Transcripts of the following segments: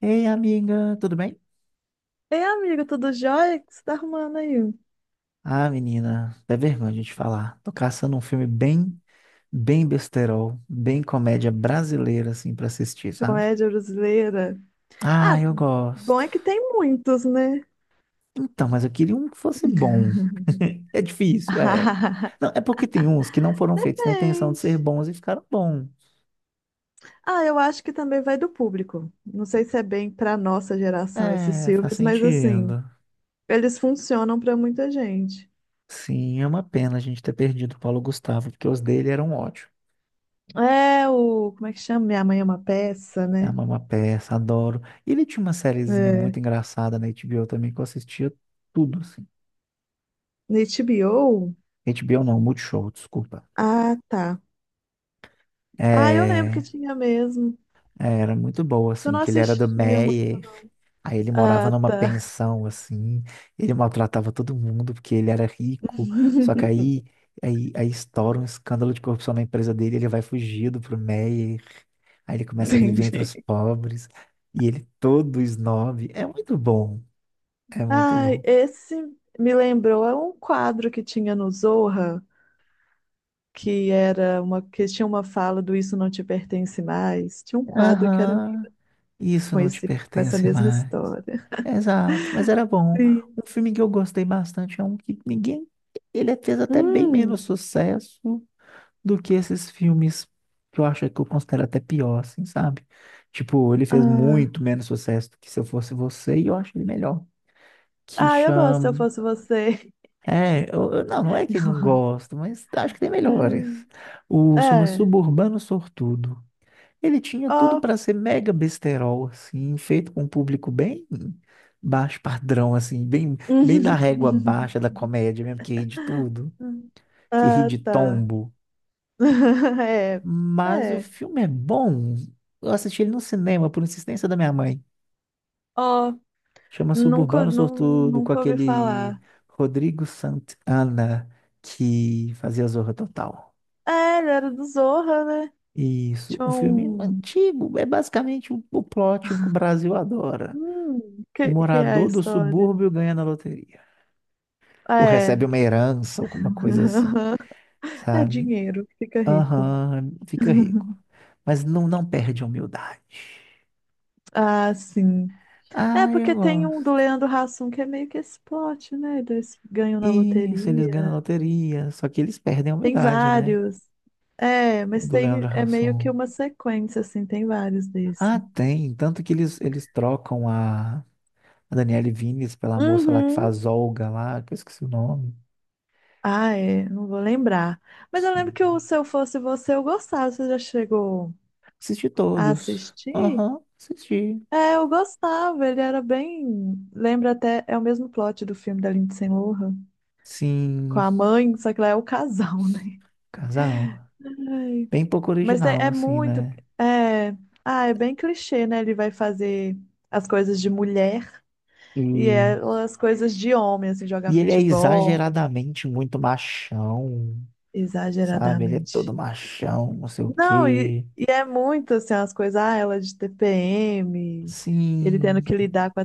Ei, amiga, tudo bem? Ei, amigo, tudo jóia? O que você tá arrumando aí? Ah, menina, é vergonha de falar. Tô caçando um filme bem, bem besterol, bem comédia brasileira, assim, pra assistir, sabe? Comédia brasileira. Ah, Ah, eu Bom gosto. é que tem muitos, né? Então, mas eu queria um que fosse bom. É difícil, é. Não, é porque tem uns que não foram feitos na intenção de ser Gente. bons e ficaram bons. Ah, eu acho que também vai do público. Não sei se é bem pra nossa geração esses É, faz filmes, mas assim, sentido. eles funcionam pra muita gente. Sim, é uma pena a gente ter perdido o Paulo Gustavo, porque os dele eram ótimos. É o. Como é que chama? Minha Mãe é uma Peça, É a né? Mama Peça, adoro. E ele tinha uma sériezinha É. muito engraçada na HBO também que eu assistia tudo, assim. Na HBO? HBO não, Multishow, desculpa. Ah, tá. Ah, eu lembro que É, tinha mesmo. é, era muito boa, Eu assim, não que ele era do assistia muito, Meyer, não. aí ele morava Ah, numa tá. pensão, assim, ele maltratava todo mundo porque ele era rico, só que aí, aí estoura um escândalo de corrupção na empresa dele, ele vai fugido pro Meyer, aí ele começa a viver entre Entendi. os pobres, e ele todo snob, é muito bom, é muito Ai, bom. esse me lembrou, é um quadro que tinha no Zorra, que era uma, que tinha uma fala do Isso Não Te Pertence Mais. Tinha um quadro que era Aham. Isso com não te esse, com essa pertence mesma mais. história. Exato, mas era bom. Sim. Um filme que eu gostei bastante é um que ninguém. Ele fez até bem menos Hum, sucesso do que esses filmes que eu acho que eu considero até pior, assim, sabe? Tipo, ele fez ah, muito menos sucesso do que Se Eu Fosse Você e eu acho ele melhor. Que eu gosto se eu chama. fosse você. É, não, não é que não gosto, mas acho que tem melhores. O chama É, Suburbano Sortudo. Ele tinha tudo ó. para ser mega besterol, assim, feito com um público bem baixo padrão, assim, bem, bem na régua baixa da comédia mesmo, que ri de tudo, que ri Ah, de tá. tombo. É, Mas o é. filme é bom. Eu assisti ele no cinema por insistência da minha mãe. Ó, Chama Suburbano Sortudo com nunca ouvi aquele falar. Rodrigo Santana que fazia Zorra Total. É, ele era do Zorra, né? Isso, Tinha um filme um. antigo, é basicamente o plot que o Brasil adora. O Que é a morador do história? subúrbio ganha na loteria. Ah, Ou é. recebe uma herança, alguma coisa assim, É sabe? dinheiro, fica rico. Aham, fica rico. Mas não, não perde a humildade. Ah, sim. É Ah, eu porque tem um do gosto. Leandro Hassum que é meio que esse plot, né? Eles ganham na Isso, eles ganham na loteria. loteria. Só que eles perdem a Tem humildade, né? vários. É, O mas do Leandro tem é meio que Hassum. uma sequência, assim, tem vários Ah, desse. tem. Tanto que eles trocam a Daniele Vines pela moça lá que Uhum. faz Olga lá, que eu esqueci o nome. Ah, é, não vou lembrar. Mas eu lembro que o Sim. Se Eu Fosse Você eu gostava. Você já chegou Assisti a todos. assistir? Aham, assisti. É, eu gostava, ele era bem. Lembra até, é o mesmo plot do filme da Lindsay Lohan, com Sim, a mãe, só que lá é o casal, né? casal. Ai, Bem pouco mas é, original, é assim, muito. né? É... Ah, é bem clichê, né? Ele vai fazer as coisas de mulher e E, ela as coisas de homem, assim, jogar e ele é futebol, exageradamente muito machão, sabe? Ele é exageradamente. todo machão, não sei o Não, e, quê. e é muito assim, as coisas, ah, ela é de TPM, ele tendo Sim, que lidar com a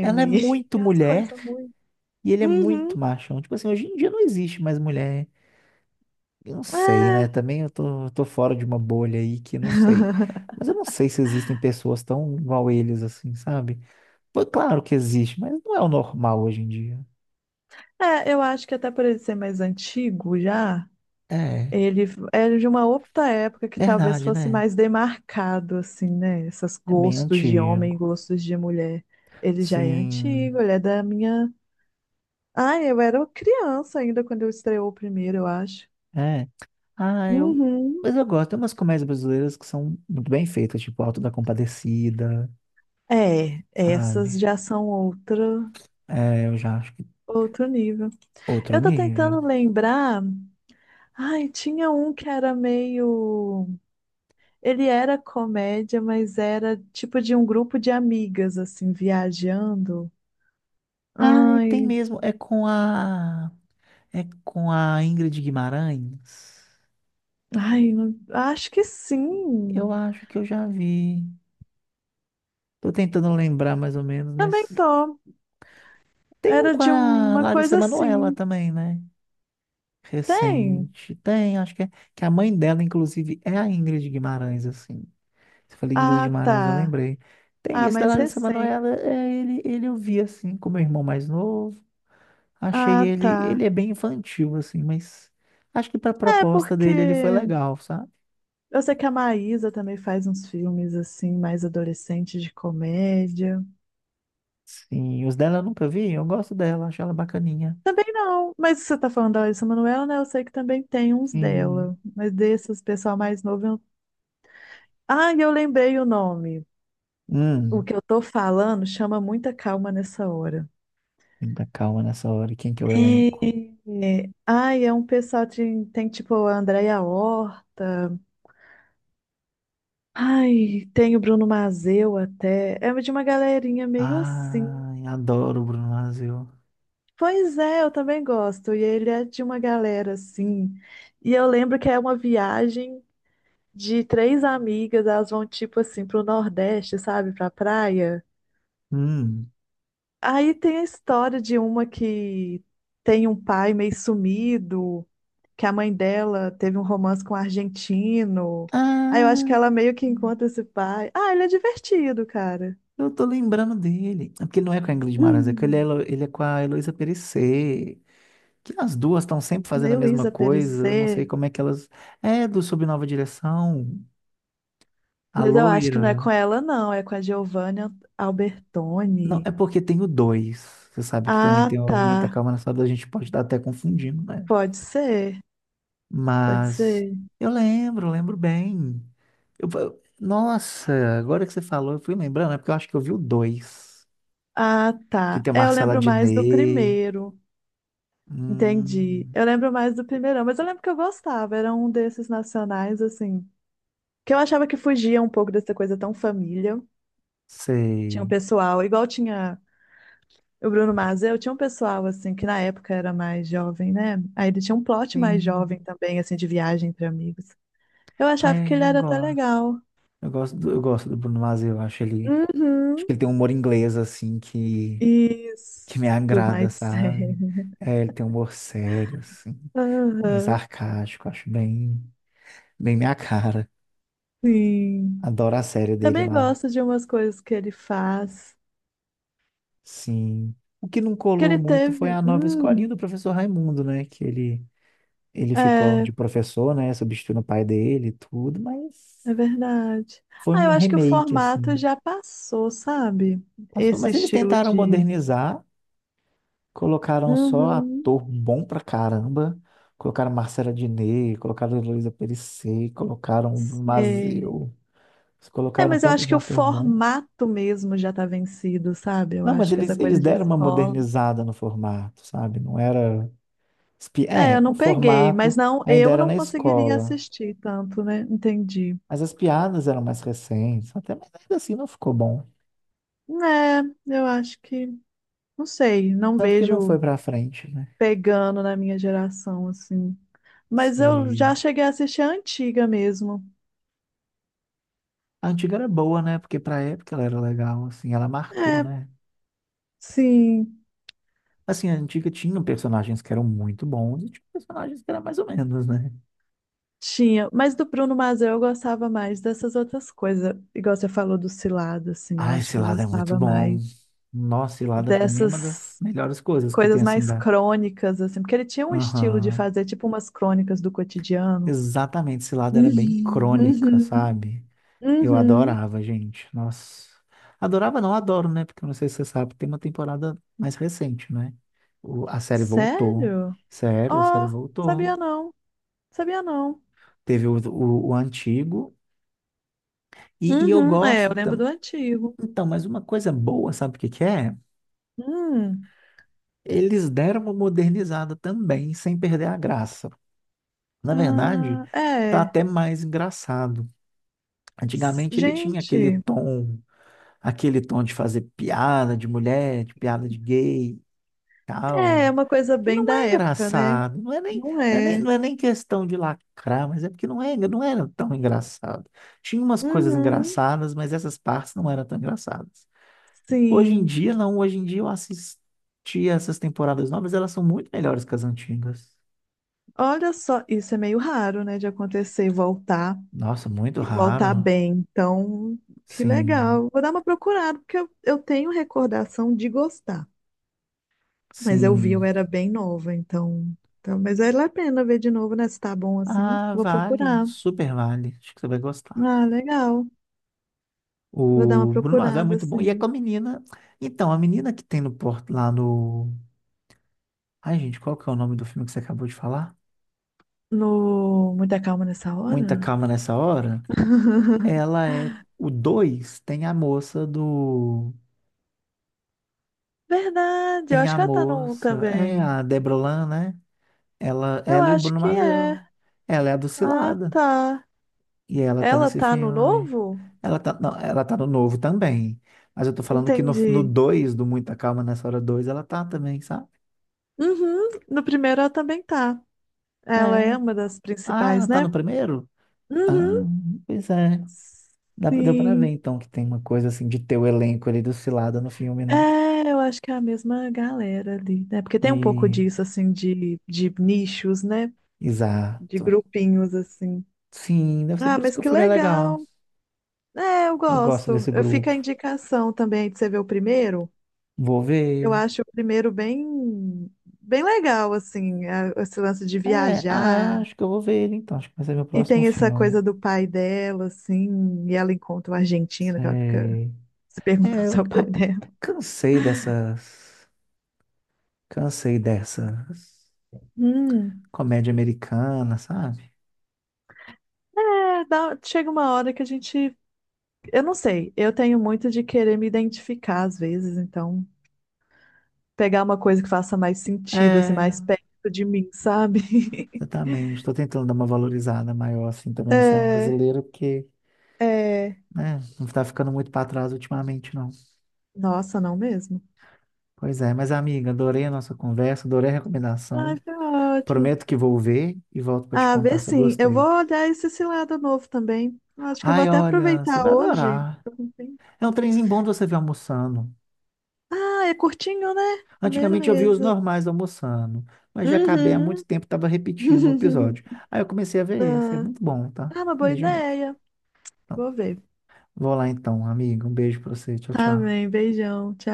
ela é muito e as mulher coisas muito. e ele é Uhum. muito machão. Tipo assim, hoje em dia não existe mais mulher. Eu não sei, né? Também eu tô fora de uma bolha aí que não sei. Mas eu não sei se existem pessoas tão igual eles, assim, sabe? Pô, claro que existe, mas não é o normal hoje em dia. É, eu acho que até por ele ser mais antigo já, É, ele é de uma outra época que talvez verdade, fosse né? mais demarcado, assim, né? Esses É bem gostos de homem e antigo. gostos de mulher. Ele já é antigo, Sim. ele é da minha. Ah, eu era criança ainda quando eu estreou o primeiro, eu acho. É. Ah, eu. Uhum. Mas eu gosto. Tem umas comédias brasileiras que são muito bem feitas, tipo Auto da Compadecida, É, essas sabe? já são outra, É, eu já acho que outro nível. outro Eu tô nível. tentando lembrar. Ai, tinha um que era meio. Ele era comédia, mas era tipo de um grupo de amigas, assim, viajando. Ah, e tem Ai, mesmo. É com a. É com a Ingrid Guimarães. ai, acho que Eu sim. acho que eu já vi. Tô tentando lembrar mais ou menos, Também mas. tô. Tem um Era com de a uma Larissa coisa Manoela assim. também, né? Tem? Recente. Tem, acho que é. Que a mãe dela, inclusive, é a Ingrid Guimarães, assim. Você falou Ingrid Ah, Guimarães, eu tá. lembrei. Tem Ah, esse da mais Larissa recente. Manoela, é, ele eu vi assim com meu irmão mais novo. Achei Ah, ele, tá. ele é bem infantil assim, mas acho que para É, proposta dele ele foi porque legal, sabe? eu sei que a Maísa também faz uns filmes assim, mais adolescentes de comédia. Sim, os dela eu nunca vi, eu gosto dela, acho ela bacaninha. Também não, mas você tá falando da Larissa Manoela, né? Eu sei que também tem uns Sim. dela. Mas desses, pessoal mais novo, eu. Ah, eu lembrei o nome. O Hum, que eu tô falando chama muita calma nessa hora. muita calma nessa hora, quem que é o elenco? É... Ai, é um pessoal de... Tem tipo a Andréia Horta. Ai, tem o Bruno Mazeu até. É de uma galerinha meio assim. Ai, adoro o Bruno Mazzeo. Pois é, eu também gosto. E ele é de uma galera assim. E eu lembro que é uma viagem de três amigas. Elas vão tipo assim pro Nordeste, sabe? Pra praia. Hum. Aí tem a história de uma que tem um pai meio sumido, que a mãe dela teve um romance com um argentino. Aí eu acho que ela Ah, meio que encontra esse pai. Ah, ele é divertido, cara. eu tô lembrando dele. É porque não é com a Ingrid Guimarães, é que ele é, Hum. Ele é com a Heloísa Perecer. Que as duas estão sempre fazendo a Meio mesma Isa coisa. Eu não sei Perecer, como é que elas. É do Sob Nova Direção, a mas eu acho que loira. não é com ela, não. É com a Giovanna Não, Albertoni. é porque tem o dois. Você sabe que também Ah, tem o tá. muita calma nessa dor, a gente pode estar até confundindo, né? Pode ser, pode Mas ser. eu lembro, lembro bem. Nossa, agora que você falou, eu fui lembrando, é porque eu acho que eu vi o dois. Ah, Que tá. tem a É, eu Marcela lembro mais do Diné. primeiro. Entendi. Hum, Eu lembro mais do primeirão, mas eu lembro que eu gostava. Era um desses nacionais, assim, que eu achava que fugia um pouco dessa coisa tão família. Tinha um sei. pessoal, igual tinha o Bruno Mazel, tinha um pessoal, assim, que na época era mais jovem, né? Aí ele tinha um plot mais jovem Sim. também, assim, de viagem entre amigos. Eu achava que Ai, ele eu era até gosto. legal. Eu gosto do Bruno Mars, eu acho ele. Acho Uhum. que ele tem um humor inglês, assim, Isso, que me agrada, mais sabe? sério. É, ele tem um humor sério, assim, bem Aham, sarcástico, acho bem, bem minha cara. sim. Adoro a série dele Também lá. gosto de umas coisas que ele faz. Sim. O que não Que colou ele muito foi teve. a nova escolinha do professor Raimundo, né? Que ele ficou É. de professor, né? Substituindo o pai dele e tudo, mas É verdade. foi Ah, eu um acho que o remake, formato assim. já passou, sabe? Passou. Esse Mas eles estilo tentaram de. modernizar, colocaram só Uhum. ator bom pra caramba. Colocaram Marcela Diné, colocaram Heloísa Périssé, colocaram Sei. Mazeu. Eles É, colocaram mas eu tanto acho de que o ator bom. formato mesmo já tá vencido, sabe? Eu Não, mas acho que essa eles coisa de deram uma escola. modernizada no formato, sabe? Não era. É, eu É, o não peguei, formato mas não, ainda eu era não na conseguiria escola. assistir tanto, né? Entendi. Mas as piadas eram mais recentes. Até, mas ainda assim não ficou bom. É, eu acho que, não sei, não Tanto que não foi vejo pra frente, né? pegando na minha geração, assim. Mas eu Sei. já cheguei a assistir a antiga mesmo. A antiga era boa, né? Porque pra época ela era legal, assim, ela marcou, É, né? sim. Assim, a antiga tinha personagens que eram muito bons e tinha personagens que eram mais ou menos, né? Tinha, mas do Bruno Mazel eu gostava mais dessas outras coisas. Igual você falou do Cilado, assim, eu Ah, acho esse que eu lado é muito gostava bom. mais Nossa, Cilada pra mim é uma das dessas melhores coisas que tem coisas assim mais da. crônicas, assim, porque ele tinha um estilo de Aham. fazer tipo umas crônicas do cotidiano. Exatamente, Cilada era bem Uhum, crônica, uhum, sabe? Eu uhum. adorava, gente. Nossa. Adorava, não adoro, né? Porque eu não sei se você sabe, tem uma temporada mais recente, né? A série voltou. Sério? Sério, a série Oh, voltou. sabia não, sabia não. Teve o, o antigo. E eu Uhum, é, gosto. eu lembro do antigo. Então, mas uma coisa boa, sabe o que que é? Hum, Eles deram uma modernizada também, sem perder a graça. Na verdade, ah, tá é. até mais engraçado. Antigamente ele tinha Gente. Aquele tom de fazer piada de mulher, de piada de gay, e É, é tal, uma coisa que bem não da é época, né? engraçado, Não é. não é nem questão de lacrar, mas é porque não é, não era tão engraçado. Tinha umas coisas Uhum, engraçadas, mas essas partes não eram tão engraçadas. Hoje em sim. dia, não. Hoje em dia eu assisti essas temporadas novas, elas são muito melhores que as antigas. Olha só, isso é meio raro, né, de acontecer, voltar Nossa, muito e voltar raro. bem. Então, que Sim, legal. Vou dar uma procurada, porque eu tenho recordação de gostar. Mas eu vi, eu sim. era bem nova, então. Então, mas vale a pena ver de novo, né? Se tá bom assim, Ah, vou vale. procurar. Super vale. Acho que você vai gostar. Ah, legal. Vou dar uma O Bruno Mars é procurada, muito bom. E é assim. com a menina. Então, a menina que tem no porto lá no. Ai, gente, qual que é o nome do filme que você acabou de falar? No Muita Calma Nessa Muita Hora? calma nessa hora. Ela é. O 2 tem a moça do. Verdade, eu Tem acho a que ela tá no um moça. É também. a Deborah Lan, né? Ela, Eu ela e o acho Bruno que é. Mazel. Ela é a Ah, Dulcilada. tá. E ela tá Ela nesse tá no filme. novo? Ela tá, não, ela tá no novo também. Mas eu tô falando que no, no Entendi. 2 do Muita Calma, nessa hora 2 ela tá também, sabe? Uhum, no primeiro ela também tá. É. Ela é uma das Ah, principais, ela tá no né? primeiro? Ah, Uhum. pois é. Dá, deu pra ver, Sim. então, que tem uma coisa assim de ter o elenco ali Dulcilada no filme, né? É, eu acho que é a mesma galera ali, né? Porque tem um pouco E... disso, assim, de nichos, né? De Exato. grupinhos, assim. Sim, deve ser Ah, por isso mas que o que filme é legal. legal. É, eu Eu gosto gosto. desse Eu fico grupo. a indicação também de você ver o primeiro. Vou Eu ver. acho o primeiro bem, bem legal, assim, esse lance de É, ah, viajar. acho que eu vou ver ele então. Acho que vai ser meu E próximo tem essa filme. coisa do pai dela, assim, e ela encontra o argentino, que ela fica Sei. se perguntando É, se é eu, o pai eu dela. cansei dessas. Cansei dessas. Hum. Comédia americana, sabe? É, chega uma hora que a gente. Eu não sei, eu tenho muito de querer me identificar às vezes, então pegar uma coisa que faça mais sentido, assim, É, mais perto de mim, sabe? exatamente. Estou tentando dar uma valorizada maior, assim, também no cinema É, brasileiro, porque, é. né, não está ficando muito para trás ultimamente, não. Nossa, não mesmo. Pois é, mas amiga, adorei a nossa conversa, adorei a Ai, recomendação. foi ótimo. Prometo que vou ver e volto para te Ah, contar ver se eu sim. Eu vou gostei. olhar esse cilada novo também. Acho que eu vou Ai, até olha, você aproveitar vai hoje. adorar. Tô com tempo. É um trenzinho bom de você ver almoçando. Ah, é curtinho, né? Antigamente eu via os Beleza. normais almoçando, mas já acabei há Uhum. muito tempo, estava repetindo o episódio. Aí eu comecei a ver esse, é Ah, muito bom, tá? Uma boa Veja mesmo. ideia. Então, Vou ver. vou lá então, amigo. Um beijo pra você. Tchau, Tá tchau. bem, beijão. Tchau.